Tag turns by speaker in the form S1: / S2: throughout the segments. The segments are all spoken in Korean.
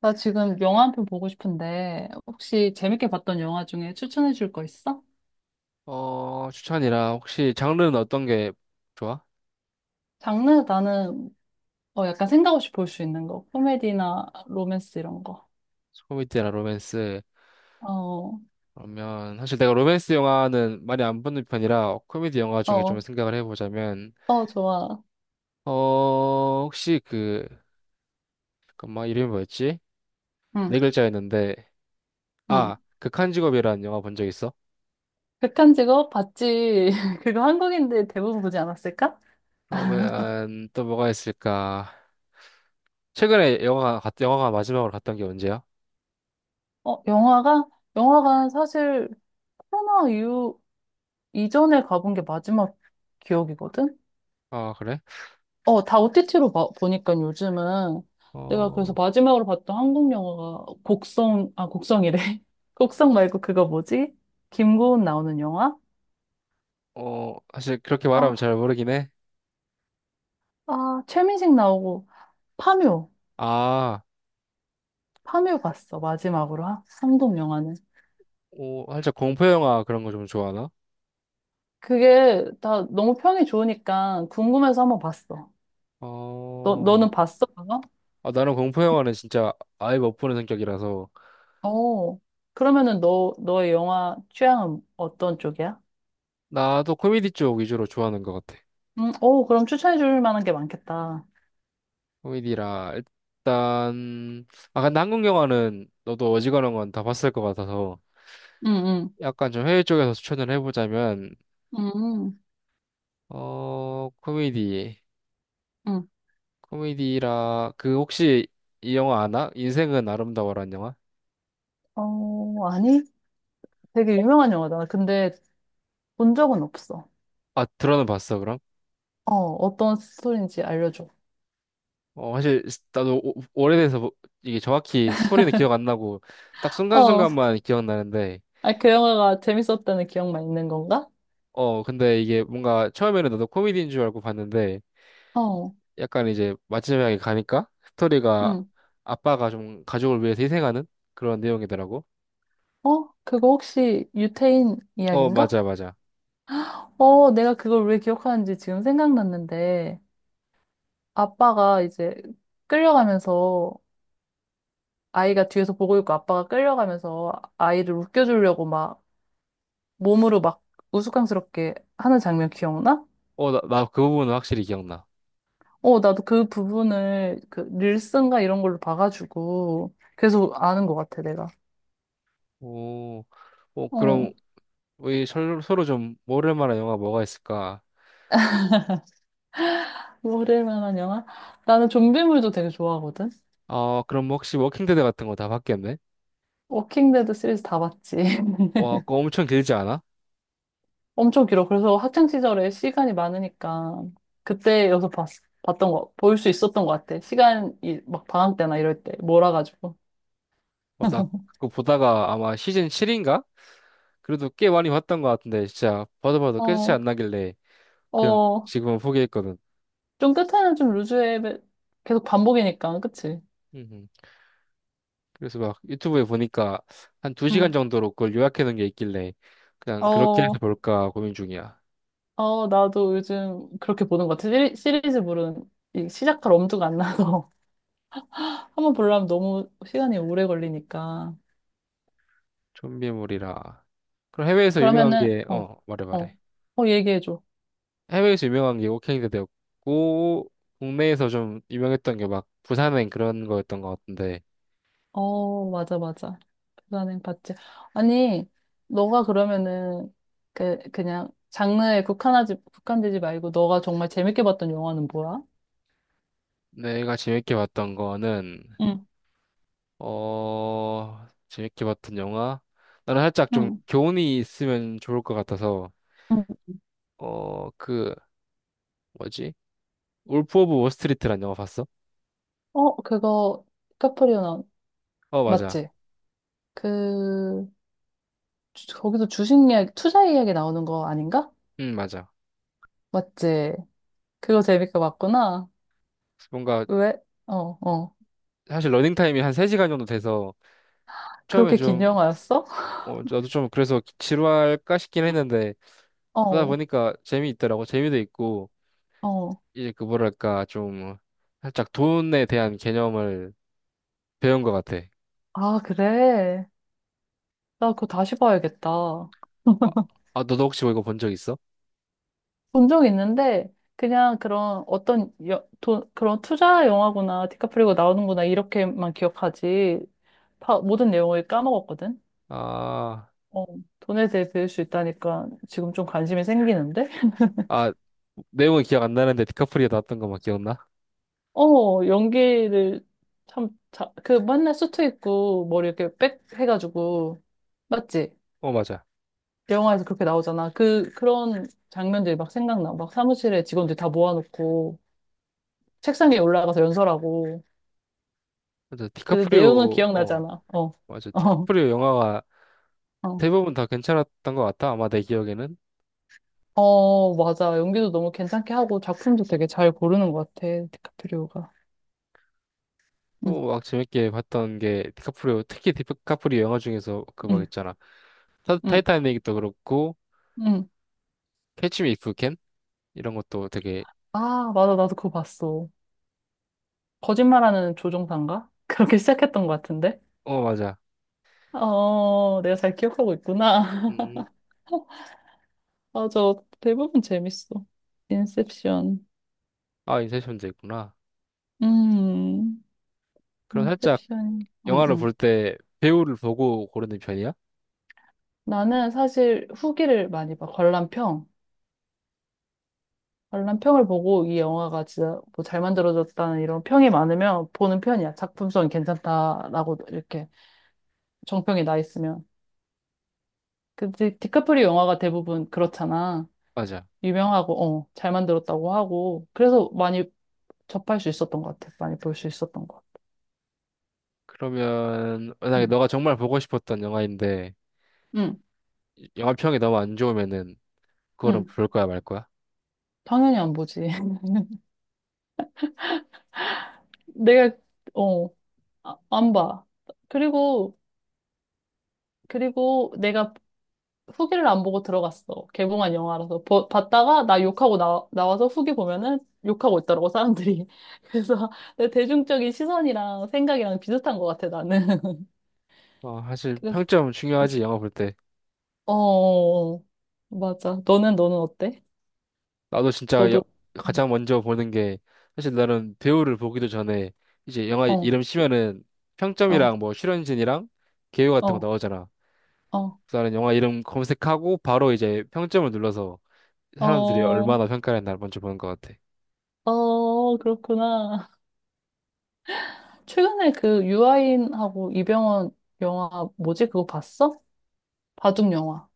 S1: 나 지금 영화 한 편 보고 싶은데, 혹시 재밌게 봤던 영화 중에 추천해 줄 거 있어?
S2: 추천이라 혹시 장르는 어떤 게 좋아?
S1: 장르 나는 약간 생각 없이 볼 수 있는 거. 코미디나 로맨스 이런 거.
S2: 코미디나 로맨스.
S1: 어,
S2: 그러면 사실 내가 로맨스 영화는 많이 안 보는 편이라 코미디 영화 중에 좀
S1: 어,
S2: 생각을 해보자면
S1: 좋아.
S2: 혹시 그 잠깐만 이름이 뭐였지?
S1: 응,
S2: 네 글자였는데
S1: 응.
S2: 극한 직업이라는 영화 본 적 있어?
S1: 극한 직업 봤지. 그거 한국인들 대부분 보지 않았을까?
S2: 그러면 또 뭐가 있을까? 최근에 영화가 마지막으로 갔던 게 언제야?
S1: 어, 영화가? 영화관 사실 코로나 이후, 이전에 가본 게 마지막 기억이거든?
S2: 아, 그래?
S1: 어, 다 OTT로 보니까 요즘은 내가 그래서
S2: 어,
S1: 마지막으로 봤던 한국 영화가 곡성, 아, 곡성이래. 곡성 말고 그거 뭐지? 김고은 나오는 영화?
S2: 사실 그렇게 말하면
S1: 어,
S2: 잘 모르긴 해.
S1: 아, 최민식 나오고 파묘.
S2: 아.
S1: 파묘 봤어, 마지막으로. 한국 영화는.
S2: 오, 살짝 공포 영화 그런 거 좀 좋아하나?
S1: 그게 다 너무 평이 좋으니까 궁금해서 한번 봤어.
S2: 어,
S1: 너는 봤어, 그거?
S2: 아, 나는 공포 영화는 진짜 아예 못 보는 성격이라서
S1: 어. 그러면은 너의 영화 취향은 어떤 쪽이야?
S2: 나도 코미디 쪽 위주로 좋아하는 것 같아.
S1: 오, 그럼 추천해 줄 만한 게 많겠다.
S2: 코미디라 일단 아, 근데 한국 영화는 너도 어지간한 건 다 봤을 것 같아서
S1: 응, 응.
S2: 약간 좀 해외 쪽에서 추천을 해보자면
S1: 음.
S2: 코미디,
S1: 응.
S2: 코미디라 그 혹시 이 영화 아나? 인생은 아름다워라는 영화?
S1: 어, 아니? 되게 유명한 영화다. 근데 본 적은 없어.
S2: 아, 들어는 봤어 그럼?
S1: 어, 어떤 스토리인지 알려줘.
S2: 사실 나도 오래돼서, 이게 정확히 스토리는 기억 안 나고 딱
S1: 어,
S2: 순간순간만 기억나는데
S1: 아, 그 영화가 재밌었다는 기억만 있는 건가?
S2: 어 근데 이게 뭔가 처음에는 나도 코미디인 줄 알고 봤는데
S1: 어,
S2: 약간 이제 마지막에 가니까 스토리가
S1: 응.
S2: 아빠가 좀 가족을 위해서 희생하는 그런 내용이더라고.
S1: 어, 그거 혹시 유태인
S2: 어,
S1: 이야기인가?
S2: 맞아 맞아.
S1: 어, 내가 그걸 왜 기억하는지 지금 생각났는데, 아빠가 이제 끌려가면서, 아이가 뒤에서 보고 있고 아빠가 끌려가면서 아이를 웃겨주려고 막 몸으로 막 우스꽝스럽게 하는 장면 기억나?
S2: 어, 나 그 부분은 확실히 기억나.
S1: 어, 나도 그 부분을 그 릴슨가 이런 걸로 봐가지고 계속 아는 것 같아, 내가.
S2: 오, 어 그럼
S1: 어,
S2: 우리 서로 좀 모를 만한 영화 뭐가 있을까?
S1: 뭐 그럴 만한 영화? 나는 좀비물도 되게 좋아하거든.
S2: 아 그럼 혹시 워킹 데드 같은 거 다 봤겠네?
S1: 워킹데드 시리즈 다 봤지.
S2: 와 그거 엄청 길지 않아?
S1: 엄청 길어. 그래서 학창 시절에 시간이 많으니까 그때 봤던 거, 볼 수 있었던 것 같아. 시간이 막 방학 때나 이럴 때 몰아가지고.
S2: 어, 나 그거 보다가 아마 시즌 7인가? 그래도 꽤 많이 봤던 것 같은데 진짜 봐도 봐도 끝이
S1: 어,
S2: 안 나길래 그냥
S1: 어,
S2: 지금은 포기했거든.
S1: 좀 끝에는 좀 루즈해 계속 반복이니까, 그치?
S2: 음, 그래서 막 유튜브에 보니까 한 2시간
S1: 응.
S2: 정도로 그걸 요약해 놓은 게 있길래 그냥 그렇게 해서
S1: 어.
S2: 볼까 고민 중이야.
S1: 어, 나도 요즘 그렇게 보는 것 같아. 시리즈물은 이 시작할 엄두가 안 나서. 한번 보려면 너무 시간이 오래 걸리니까.
S2: 좀비물이라. 그럼 해외에서 유명한
S1: 그러면은,
S2: 게, 말해
S1: 어,
S2: 말해.
S1: 얘기해줘.
S2: 해외에서 유명한 게 워킹 데드었고 국내에서 좀 유명했던 게 막 부산행 그런 거였던 것 같은데
S1: 어, 맞아, 맞아. 불가능 봤지. 아니, 너가 그러면은, 그, 그냥 국한되지 말고 너가 정말 재밌게 봤던 영화는 뭐야?
S2: 내가 재밌게 봤던 거는
S1: 응,
S2: 어, 재밌게 봤던 영화? 나는 살짝 좀
S1: 응,
S2: 교훈이 있으면 좋을 것 같아서,
S1: 응.
S2: 어, 그, 뭐지? 울프 오브 월스트리트란 영화 봤어?
S1: 어, 그거, 카프리오 나온,
S2: 어, 맞아.
S1: 맞지? 그, 거기서 주식 이야기, 투자 이야기 나오는 거 아닌가?
S2: 응, 맞아.
S1: 맞지? 그거 재밌게 봤구나.
S2: 뭔가,
S1: 왜? 어, 어.
S2: 사실 러닝타임이 한 3시간 정도 돼서, 처음엔
S1: 그렇게 긴
S2: 좀,
S1: 영화였어?
S2: 어, 저도 좀 그래서 지루할까 싶긴 했는데, 보다
S1: 어,
S2: 보니까 재미있더라고. 재미도 있고,
S1: 어.
S2: 이제 그 뭐랄까, 좀, 살짝 돈에 대한 개념을 배운 것 같아.
S1: 아, 그래. 나 그거 다시 봐야겠다.
S2: 아, 아, 너도 혹시 뭐 이거 본 적 있어?
S1: 본 적 있는데, 그냥 그런 어떤 여, 돈, 그런 투자 영화구나, 디카프리오 나오는구나, 이렇게만 기억하지. 다, 모든 내용을 까먹었거든?
S2: 아.
S1: 어, 돈에 대해 배울 수 있다니까 지금 좀 관심이 생기는데?
S2: 아, 내용은 기억 안 나는데 디카프리오 나왔던 것만 기억나?
S1: 어, 연기를 참, 자, 그 맨날 수트 입고 머리 이렇게 빽 해가지고, 맞지?
S2: 어, 맞아.
S1: 영화에서 그렇게 나오잖아. 그, 그런 장면들이 막 생각나. 막 사무실에 직원들 다 모아놓고, 책상 위에 올라가서 연설하고.
S2: 맞아.
S1: 근데 내용은
S2: 디카프리오, 어,
S1: 기억나잖아. 어,
S2: 맞아.
S1: 어,
S2: 디카프리오 영화가
S1: 어.
S2: 대부분 다 괜찮았던 것 같아. 아마 내 기억에는.
S1: 어, 맞아. 연기도 너무 괜찮게 하고, 작품도 되게 잘 고르는 것 같아. 디카프리오가. 응,
S2: 또 막 재밌게 봤던 게 디카프리오, 특히 디카프리오 영화 중에서 그 막
S1: 응,
S2: 있잖아.
S1: 응,
S2: 타이타닉도 그렇고,
S1: 응.
S2: 캐치 미 이프 캔? 이런 것도 되게,
S1: 아, 맞아. 나도 그거 봤어. 거짓말하는 조종사인가? 그렇게 시작했던 것 같은데?
S2: 어, 맞아.
S1: 어, 내가 잘 기억하고 있구나.
S2: 음,
S1: 맞아. 대부분 재밌어. 인셉션.
S2: 아, 인셉션도 있구나.
S1: 음,
S2: 그럼 살짝
S1: 인셉션.
S2: 영화를 볼 때 배우를 보고 고르는 편이야?
S1: 나는 사실 후기를 많이 봐. 관람평. 관람평을 보고 이 영화가 진짜 뭐 잘 만들어졌다는 이런 평이 많으면 보는 편이야. 작품성이 괜찮다라고 이렇게 정평이 나 있으면. 근데 디카프리오 영화가 대부분 그렇잖아.
S2: 맞아.
S1: 유명하고, 어, 잘 만들었다고 하고. 그래서 많이 접할 수 있었던 것 같아. 많이 볼 수 있었던 것 같아.
S2: 그러면 만약에 너가 정말 보고 싶었던 영화인데
S1: 응. 응.
S2: 영화 평이 너무 안 좋으면은 그거는
S1: 응,
S2: 볼 거야 말 거야?
S1: 당연히 안 보지. 내가, 어, 아, 안 봐. 그리고, 그리고 내가 후기를 안 보고 들어갔어. 개봉한 영화라서. 봤다가 나 욕하고 나와서 후기 보면은 욕하고 있더라고, 사람들이. 그래서 내 대중적인 시선이랑 생각이랑 비슷한 것 같아, 나는.
S2: 어, 사실
S1: 그래서,
S2: 평점 중요하지 영화 볼 때.
S1: 어, 어, 어. 맞아. 너는 어때?
S2: 나도 진짜 여-
S1: 너도,
S2: 가장 먼저 보는 게 사실 나는 배우를 보기도 전에 이제 영화
S1: 어,
S2: 이름 치면은
S1: 어,
S2: 평점이랑 뭐 출연진이랑 개요 같은 거
S1: 어,
S2: 나오잖아.
S1: 어,
S2: 그래서 나는 영화 이름 검색하고 바로 이제 평점을 눌러서 사람들이
S1: 어,
S2: 얼마나 평가했나 먼저 보는 것 같아.
S1: 어, 그렇구나. 최근에 그 유아인하고 이병헌 영화 뭐지? 그거 봤어? 바둑 영화.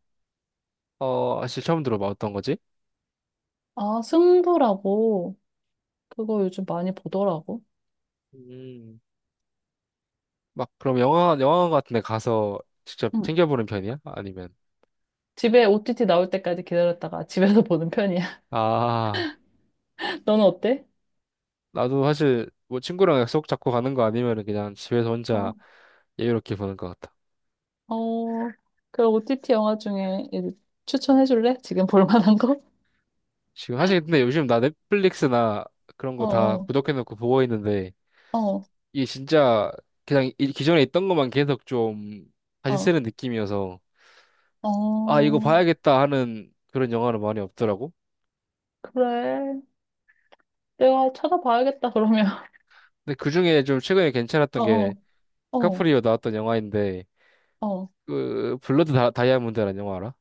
S2: 어, 사실 처음 들어봐 어떤 거지?
S1: 아, 승부라고. 그거 요즘 많이 보더라고.
S2: 음, 막 그럼 영화관 같은 데 가서 직접
S1: 응.
S2: 챙겨보는 편이야? 아니면
S1: 집에 OTT 나올 때까지 기다렸다가 집에서 보는 편이야.
S2: 아
S1: 너는 어때?
S2: 나도 사실 뭐 친구랑 약속 잡고 가는 거 아니면은 그냥 집에서 혼자
S1: 어,
S2: 여유롭게 보는 것 같아.
S1: 어, 그 OTT 영화 중에 이제 추천해줄래? 지금 볼 만한 거?
S2: 지금 사실 근데 요즘 나 넷플릭스나 그런
S1: 어,
S2: 거 다
S1: 어,
S2: 구독해놓고 보고 있는데
S1: 어,
S2: 이게 진짜 그냥 기존에 있던 것만 계속 좀 다시
S1: 어,
S2: 쓰는 느낌이어서 아 이거
S1: 어,
S2: 봐야겠다 하는 그런 영화는 많이 없더라고.
S1: 그래. 내가 찾아봐야겠다, 그러면.
S2: 근데 그중에 좀 최근에 괜찮았던
S1: 어,
S2: 게
S1: 어, 어,
S2: 카프리오 나왔던 영화인데
S1: 어.
S2: 그 블러드 다이아몬드라는 영화 알아?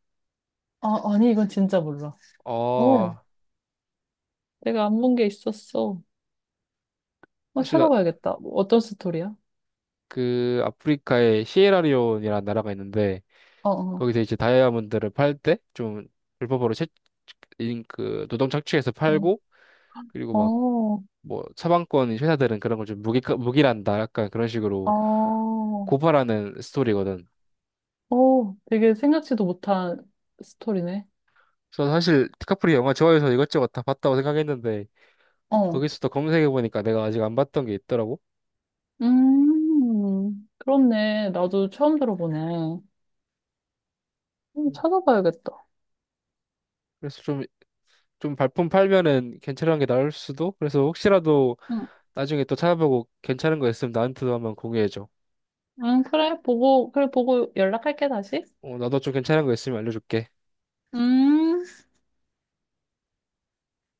S1: 아, 아니, 이건 진짜 몰라. 어.
S2: 어
S1: 내가 안 본 게 있었어. 어,
S2: 사실 나,
S1: 찾아봐야겠다. 뭐 어떤 스토리야?
S2: 그 아프리카의 시에라리온이라는 나라가 있는데
S1: 어, 어,
S2: 거기서 이제 다이아몬드를 팔 때 좀 불법으로 채, 그 노동 착취해서
S1: 어,
S2: 팔고 그리고 막
S1: 어,
S2: 뭐 서방권 회사들은 그런 걸 좀 무기란다 약간 그런 식으로
S1: 어,
S2: 고발하는 스토리거든.
S1: 어, 되게 생각지도 못한 스토리네.
S2: 그래서 사실 디카프리 영화 좋아해서 이것저것 다 봤다고 생각했는데
S1: 어,
S2: 거기서도 검색해 보니까 내가 아직 안 봤던 게 있더라고.
S1: 그렇네. 나도 처음 들어보네. 찾아봐야겠다.
S2: 그래서 좀 발품 팔면은 괜찮은 게 나올 수도. 그래서 혹시라도
S1: 응,
S2: 나중에 또 찾아보고 괜찮은 거 있으면 나한테도 한번 공유해줘.
S1: 응, 그래, 보고, 그래, 보고 연락할게, 다시.
S2: 어, 나도 좀 괜찮은 거 있으면 알려줄게.
S1: 음.